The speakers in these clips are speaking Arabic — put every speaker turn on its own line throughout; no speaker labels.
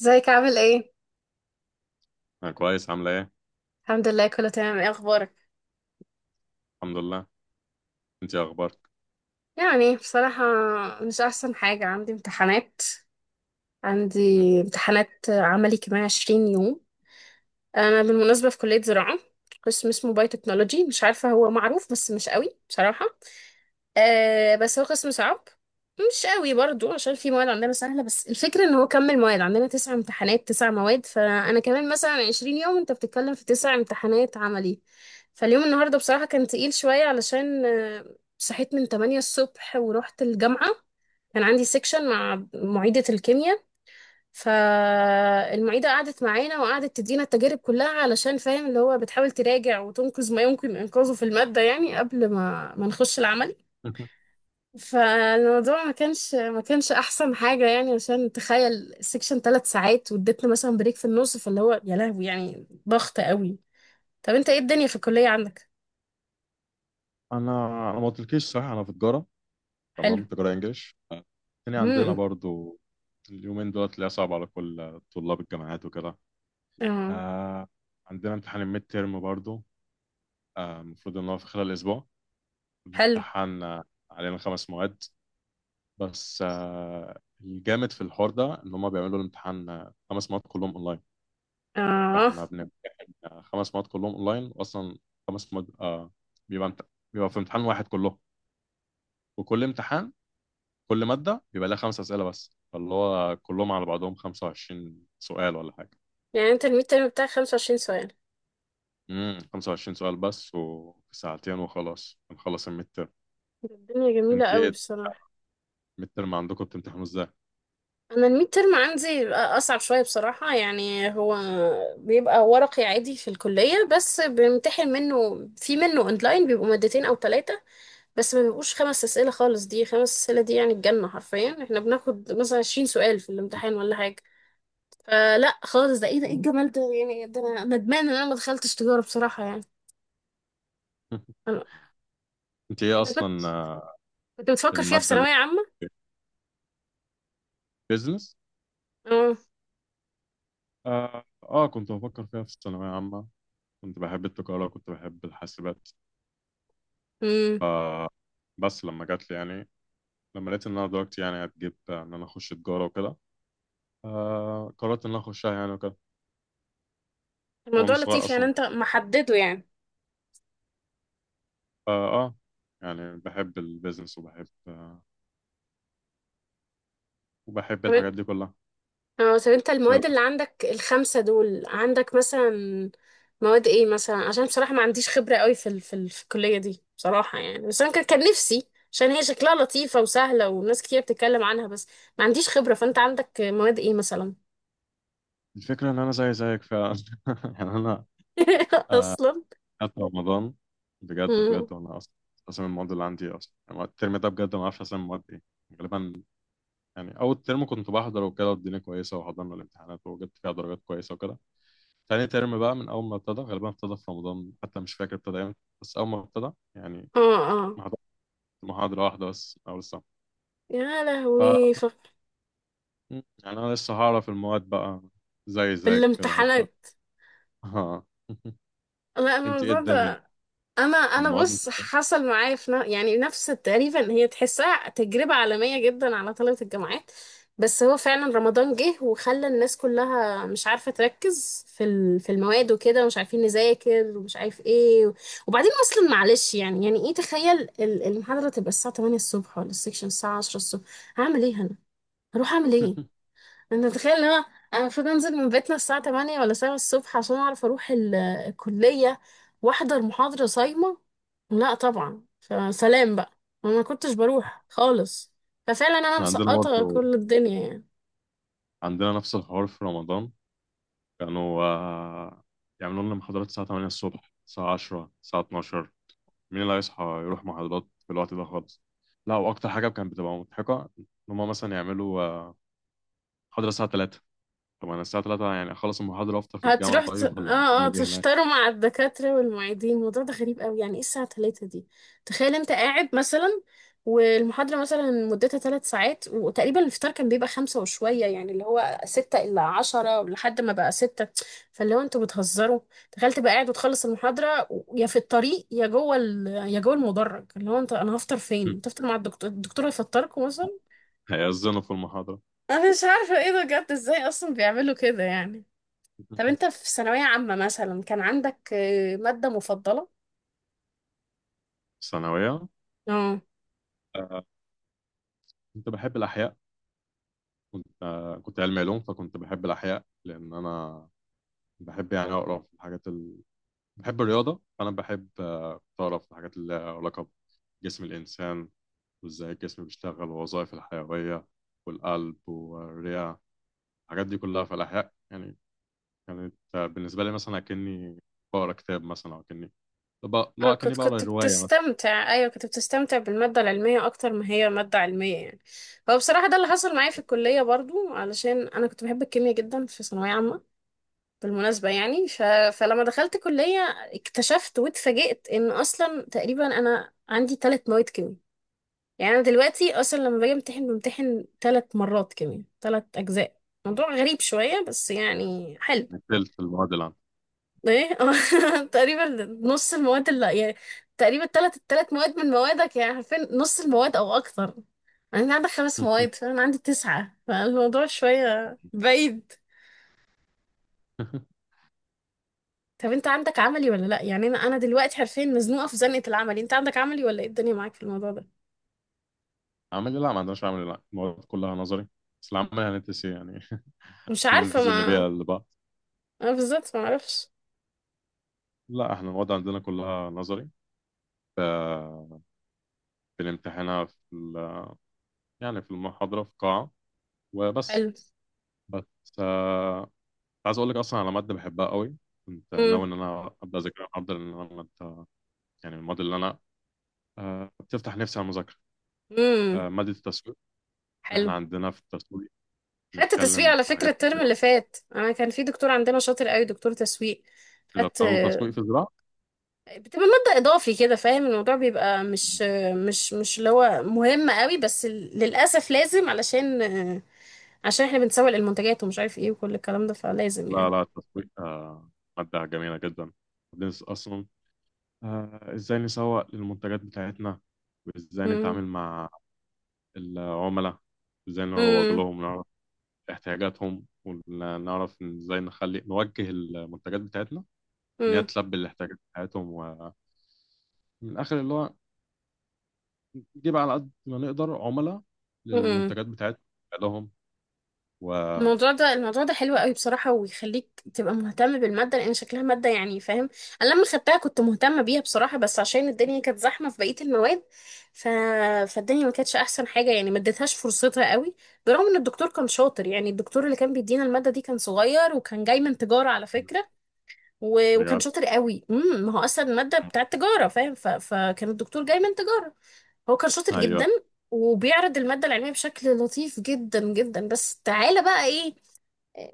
ازيك عامل ايه؟
انا كويس. عامله ايه؟
الحمد لله، كله تمام. ايه اخبارك؟
الحمد لله. انت إيه اخبارك؟
يعني بصراحة، مش احسن حاجة. عندي امتحانات. عندي امتحانات عملي كمان 20 يوم. انا بالمناسبة في كلية زراعة، قسم اسمه بايوتكنولوجي. مش عارفة هو معروف، بس مش قوي بصراحة. آه، بس هو قسم صعب. مش قوي برضو، عشان في مواد عندنا سهلة، بس الفكرة ان هو كمل. مواد عندنا تسع امتحانات، تسع مواد. فانا كمان مثلا عشرين يوم، انت بتتكلم في تسع امتحانات عملي. فاليوم، النهاردة بصراحة كان تقيل شوية علشان صحيت من 8 الصبح ورحت الجامعة. كان عندي سيكشن مع معيدة الكيمياء. فالمعيدة قعدت معانا وقعدت تدينا التجارب كلها، علشان فاهم اللي هو بتحاول تراجع وتنقذ ما يمكن انقاذه في المادة، يعني قبل ما نخش العمل. فالموضوع ما كانش احسن حاجه يعني، عشان تخيل السكشن ثلاث ساعات، واديتنا مثلا بريك في النص، فاللي هو يا لهوي، يعني ضغط قوي. طب انت ايه الدنيا في الكليه عندك؟
انا ما قلتلكيش، صح؟ انا في تجاره.
حلو.
تمام، تجاره انجليش. التاني عندنا
امم.
برضو. اليومين دول تلاقيها صعب على كل طلاب الجامعات وكده.
اه.
آه. عندنا امتحان الميد تيرم برضو. المفروض ان هو في خلال اسبوع.
حلو.
الامتحان علينا خمس مواد. بس الجامد في الحوار ده ان هم بيعملوا الامتحان، خمس مواد كلهم اونلاين.
اه.
احنا بنمتحن خمس مواد كلهم اونلاين، واصلا خمس مواد بيبقى امت... بيبقى في امتحان واحد كلهم. وكل امتحان، كل ماده بيبقى لها خمس اسئله بس، فاللي هو كلهم على بعضهم 25 سؤال ولا حاجه.
يعني انت الميد ترم بتاعك 25 سؤال؟
25 سؤال بس، وفي ساعتين وخلاص بنخلص الميد ترم.
الدنيا جميله
انت
قوي
ايه؟
بصراحه.
الميد ترم عندكم بتمتحنوا ازاي؟
انا الميد ترم عندي اصعب شويه بصراحه، يعني هو بيبقى ورقي عادي في الكليه، بس بنمتحن منه في منه اونلاين، بيبقوا مادتين او ثلاثه. بس ما بيبقوش خمس أسئلة خالص. دي خمس أسئلة دي يعني الجنة حرفيا. احنا بناخد مثلا عشرين سؤال في الامتحان ولا حاجة. فلا خالص، ده ايه؟ ده ايه الجمال ده يعني؟ ده انا ندمان ان انا ما دخلتش تجارة بصراحة يعني. أنا...
انت ايه
انت كنت
اصلا
كنت بتفكر فيها في
الماده اللي
ثانوية عامة؟
بيزنس؟
اه.
كنت بفكر فيها في الثانويه عامه. كنت بحب التجاره، كنت بحب الحاسبات.
امم.
آه بس لما جات لي، يعني لما لقيت ان انا دلوقتي يعني هتجيب ان انا اخش تجاره وكده، قررت ان انا اخشها يعني وكده. وانا
الموضوع
صغير
لطيف يعني،
اصلا.
انت محدده يعني.
آه, اه يعني بحب البيزنس، وبحب وبحب
تمام.
الحاجات دي كلها.
اه، طب انت
لأن
المواد اللي عندك الخمسة دول، عندك مثلا مواد ايه مثلا؟ عشان بصراحة ما عنديش خبرة قوي في الكلية دي بصراحة يعني، بس انا كان نفسي، عشان هي شكلها لطيفة وسهلة وناس كتير بتتكلم عنها، بس ما عنديش خبرة. فانت عندك مواد ايه مثلا؟
الفكره ان انا زي زيك فعلا. يعني انا
اصلا.
حتى رمضان، بجد
مم.
بجد. وانا اصلا، اصلا المواد اللي عندي، اصلا يعني الترم ده بجد ما اعرفش اصلا المواد ايه. غالبا، يعني اول ترم كنت بحضر وكده، والدنيا كويسه، وحضرنا الامتحانات وجبت فيها درجات كويسه وكده. تاني ترم بقى من أول ما ابتدى، غالبا ابتدى في رمضان، حتى مش فاكر ابتدى امتى، بس أول ما ابتدى يعني
اه، اه.
ما حضرت محاضرة واحدة بس من أول السنة.
يا
ف
لهوي،
يعني أنا لسه هعرف المواد بقى، زي
في
زيك كده هبدأ.
الامتحانات.
ها.
لا،
أنت إيه
الموضوع
الدنيا؟
ده، انا
المواد
بص،
متقبلة؟
حصل معايا في يعني نفس تقريبا، هي تحسها تجربة عالمية جدا على طلبة الجامعات. بس هو فعلا رمضان جه وخلى الناس كلها مش عارفة تركز في المواد وكده، ومش عارفين نذاكر ومش عارف ايه. وبعدين اصلا معلش، يعني ايه؟ تخيل المحاضرة تبقى الساعة 8 الصبح، ولا السكشن الساعة 10 الصبح. هعمل ايه انا؟ هروح اعمل ايه؟ انت تتخيل ان انا المفروض انزل من بيتنا الساعة 8 ولا 7 الصبح عشان اعرف اروح الكلية واحضر محاضرة صايمة؟ لا طبعا، فسلام بقى، ما كنتش بروح خالص. ففعلا انا
إحنا عندنا
مسقطة
برضه،
كل الدنيا يعني.
عندنا نفس الحوار في رمضان. كانوا يعملوا لنا محاضرات الساعة 8 الصبح، الساعة 10، الساعة 12. مين اللي هيصحى يروح محاضرات في الوقت ده خالص؟ لا، وأكتر حاجة كانت بتبقى مضحكة إن هما مثلا يعملوا محاضرة الساعة 3. طب أنا الساعة 3 يعني أخلص المحاضرة وأفطر في الجامعة؟ طيب، ولا
اه، اه،
هنعمل إيه هناك؟
تشتروا مع الدكاترة والمعيدين. الموضوع ده غريب قوي، يعني ايه الساعة تلاتة دي؟ تخيل انت قاعد مثلا، والمحاضرة مثلا مدتها ثلاث ساعات، وتقريبا الفطار كان بيبقى خمسة وشوية، يعني اللي هو ستة إلا عشرة لحد ما بقى ستة. فاللي هو انتوا بتهزروا. تخيل تبقى قاعد وتخلص المحاضرة، يا في الطريق، يا جوه يا جوه المدرج. اللي هو انا هفطر فين؟ تفطر مع الدكتور؟ الدكتور هيفطركم مثلا؟
هيأذنوا في المحاضرة.
انا مش عارفة ايه ده بجد، ازاي اصلا بيعملوا كده يعني. طب انت في ثانوية عامة مثلا كان عندك مادة مفضلة؟
ثانوية؟
اه،
آه، كنت بحب الأحياء. كنت علمي علوم، فكنت بحب الأحياء لأن أنا بحب يعني أقرأ في الحاجات بحب الرياضة، فأنا بحب أقرأ في الحاجات اللي لها علاقة بجسم الإنسان، وإزاي الجسم بيشتغل، ووظائف الحيوية والقلب والرئة. الحاجات دي كلها في الأحياء، يعني كانت بالنسبة لي مثلا أكني بقرأ كتاب، مثلا أو أكني
اه،
لو اكني
كنت
بقرا
كنت
روايه مثلا.
بتستمتع. ايوه، كنت بتستمتع بالماده العلميه، اكتر ما هي ماده علميه يعني. هو بصراحه ده اللي حصل معايا في الكليه برضو، علشان انا كنت بحب الكيمياء جدا في ثانويه عامه بالمناسبه يعني. فلما دخلت كليه اكتشفت واتفاجئت ان اصلا تقريبا انا عندي ثلاث مواد كيمياء. يعني انا دلوقتي اصلا لما باجي بمتحن ثلاث مرات كيمياء، ثلاث اجزاء. موضوع غريب شويه، بس يعني حلو.
نتلت المواد العام.
ايه؟ تقريبا. نص المواد اللي يعني، تقريبا التلات مواد من موادك، يعني عارفين نص المواد او اكتر. يعني انا عندك خمس مواد فانا عندي تسعة، فالموضوع شوية بعيد. طب انت عندك عملي ولا لا؟ يعني انا دلوقتي حرفيا مزنوقة في زنقة العملي، انت عندك عملي ولا ايه الدنيا معاك في الموضوع ده؟
عملي؟ لا، ما عندناش عملي. لا، المواد كلها نظري. بس العمل هندسي يعني.
مش عارفة
هننزل
ما.
نبيع لبعض.
انا بالظبط ما اعرفش.
لا، احنا المواد عندنا كلها نظري. ف- بنمتحنها في يعني في المحاضرة، في قاعة وبس.
حلو.
بس آه، كنت عايز اقول لك اصلا على مادة بحبها قوي. كنت
امم.
ناوي ان انا ابدا اذاكرها النهارده، لان انا مادة، يعني من المواد اللي انا بتفتح نفسي على المذاكرة.
امم.
مادة التسويق. احنا
حلو.
عندنا في التسويق
خدت تسويق
بنتكلم
على
في
فكرة
حاجات
الترم
كتير.
اللي فات، انا كان في دكتور عندنا شاطر قوي، دكتور تسويق.
إذا
خدت.
بتاخدوا تسويق في الزراعة؟
بتبقى مادة إضافي كده، فاهم؟ الموضوع بيبقى مش، مش اللي هو مهم قوي، بس للأسف لازم، علشان، عشان احنا بنسوق المنتجات ومش عارف ايه وكل الكلام ده، فلازم
لا
يعني.
لا، التسويق مادة جميلة جدا. بندرس أصلا إزاي نسوق للمنتجات بتاعتنا، وإزاي
امم.
نتعامل مع العملاء، إزاي نروج
امم.
لهم، نعرف احتياجاتهم، ونعرف إزاي نخلي، نوجه المنتجات بتاعتنا إن هي
امم.
تلبي الاحتياجات بتاعتهم. ومن الآخر، اللي هو نجيب على قد ما نقدر عملاء
امم.
للمنتجات بتاعتنا لهم. و،
الموضوع ده حلو قوي بصراحة، ويخليك تبقى مهتم بالمادة، لأن شكلها مادة يعني فاهم. أنا لما خدتها كنت مهتمة بيها بصراحة، بس عشان الدنيا كانت زحمة في بقية المواد، ف... فالدنيا ما كانتش أحسن حاجة يعني، ما اديتهاش فرصتها قوي. برغم إن الدكتور كان شاطر يعني. الدكتور اللي كان بيدينا المادة دي كان صغير، وكان جاي من تجارة على فكرة، وكان
بجد.
شاطر قوي. امم، ما هو أصلا المادة بتاعت تجارة فاهم، فكان الدكتور جاي من تجارة. هو كان شاطر
أيوه،
جدا، وبيعرض المادة العلمية بشكل لطيف جدا جدا، بس تعالى بقى ايه.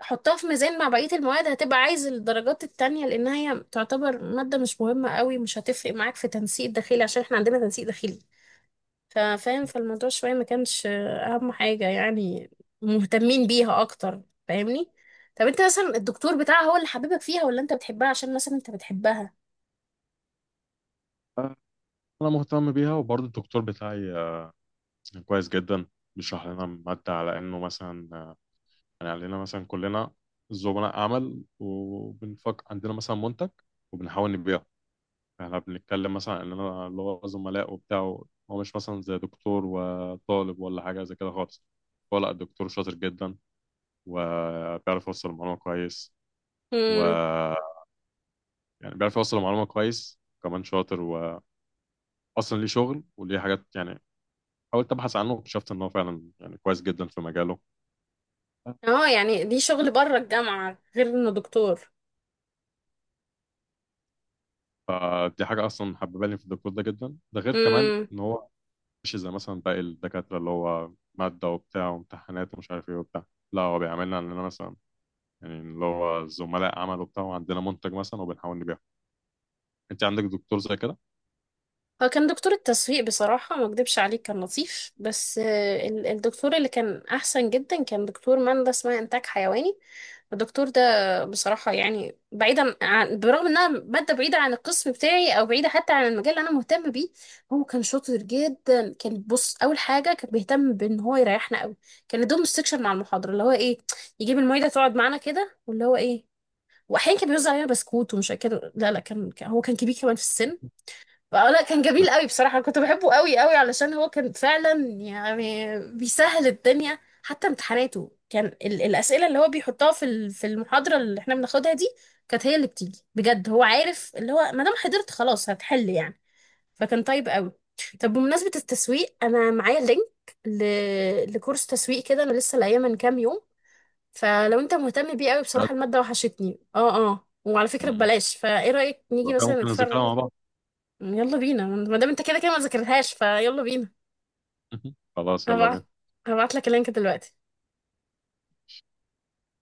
حطها في ميزان مع بقية المواد، هتبقى عايز الدرجات التانية، لأنها هي تعتبر مادة مش مهمة قوي، مش هتفرق معاك في تنسيق داخلي، عشان احنا عندنا تنسيق داخلي. ففاهم، فالموضوع شوية ما كانش أهم حاجة يعني، مهتمين بيها أكتر، فاهمني؟ طب انت مثلا الدكتور بتاعها هو اللي حبيبك فيها، ولا انت بتحبها عشان مثلا انت بتحبها؟
أنا مهتم بيها، وبرضه الدكتور بتاعي كويس جدا. بيشرح لنا مادة على إنه مثلا يعني علينا مثلا كلنا زملاء عمل، وبنفكر عندنا مثلا منتج وبنحاول نبيعه. احنا بنتكلم مثلا إننا اللي هو زملاء وبتاع. هو مش مثلا زي دكتور وطالب ولا حاجة زي كده خالص. هو لا، الدكتور شاطر جدا، وبيعرف يوصل المعلومة كويس. و،
امم.
يعني بيعرف يوصل المعلومة كويس، كمان شاطر. وأصلا ليه شغل وليه حاجات، يعني حاولت أبحث عنه واكتشفت إن هو فعلا يعني كويس جدا في مجاله.
اه، يعني دي شغل بره الجامعة غير انه دكتور.
دي حاجة أصلا حببالي في الدكتور ده جدا. ده غير كمان إن هو مش زي مثلا باقي الدكاترة اللي هو مادة وبتاع وامتحانات ومش عارف إيه وبتاع. لا، هو بيعاملنا علينا مثلا، يعني اللي هو زملاء عمل وبتاع، وعندنا منتج مثلا وبنحاول نبيعه. أنت عندك دكتور زي كده؟
هو كان دكتور التسويق بصراحة ما اكدبش عليك كان لطيف، بس الدكتور اللي كان أحسن جدا كان دكتور، ماندة اسمها إنتاج حيواني. الدكتور ده بصراحة يعني، بعيدا عن، برغم إنها مادة بعيدة عن القسم بتاعي أو بعيدة حتى عن المجال اللي أنا مهتم بيه، هو كان شاطر جدا. كان، بص، أول حاجة كان بيهتم بإن هو يريحنا قوي. كان يدوم السكشن مع المحاضرة، اللي هو إيه، يجيب المعيدة تقعد معانا كده، واللي هو إيه، وأحيانا كان بيوزع علينا بسكوت ومش كده. لا، لا، كان، هو كان كبير كمان في السن، فلا كان جميل قوي بصراحة. أنا كنت بحبه قوي قوي، علشان هو كان فعلا يعني بيسهل الدنيا. حتى امتحاناته، كان الأسئلة اللي هو بيحطها في المحاضرة اللي احنا بناخدها دي، كانت هي اللي بتيجي بجد. هو عارف اللي هو، ما دام حضرت خلاص هتحل يعني. فكان طيب قوي. طب بمناسبة التسويق، أنا معايا لينك لكورس تسويق كده، أنا لسه لاقياه من كام يوم. فلو أنت مهتم بيه قوي
بجد؟
بصراحة، المادة وحشتني، اه، اه، وعلى فكرة
مم.
ببلاش. فإيه رأيك
لو
نيجي
كان
مثلا
ممكن نذاكرها
نتفرج؟
مع بعض.
يلا بينا، ما دام انت كده كده ما ذاكرتهاش، فيلا بينا.
خلاص، يلا بينا.
هبعت هبعت لك اللينك دلوقتي.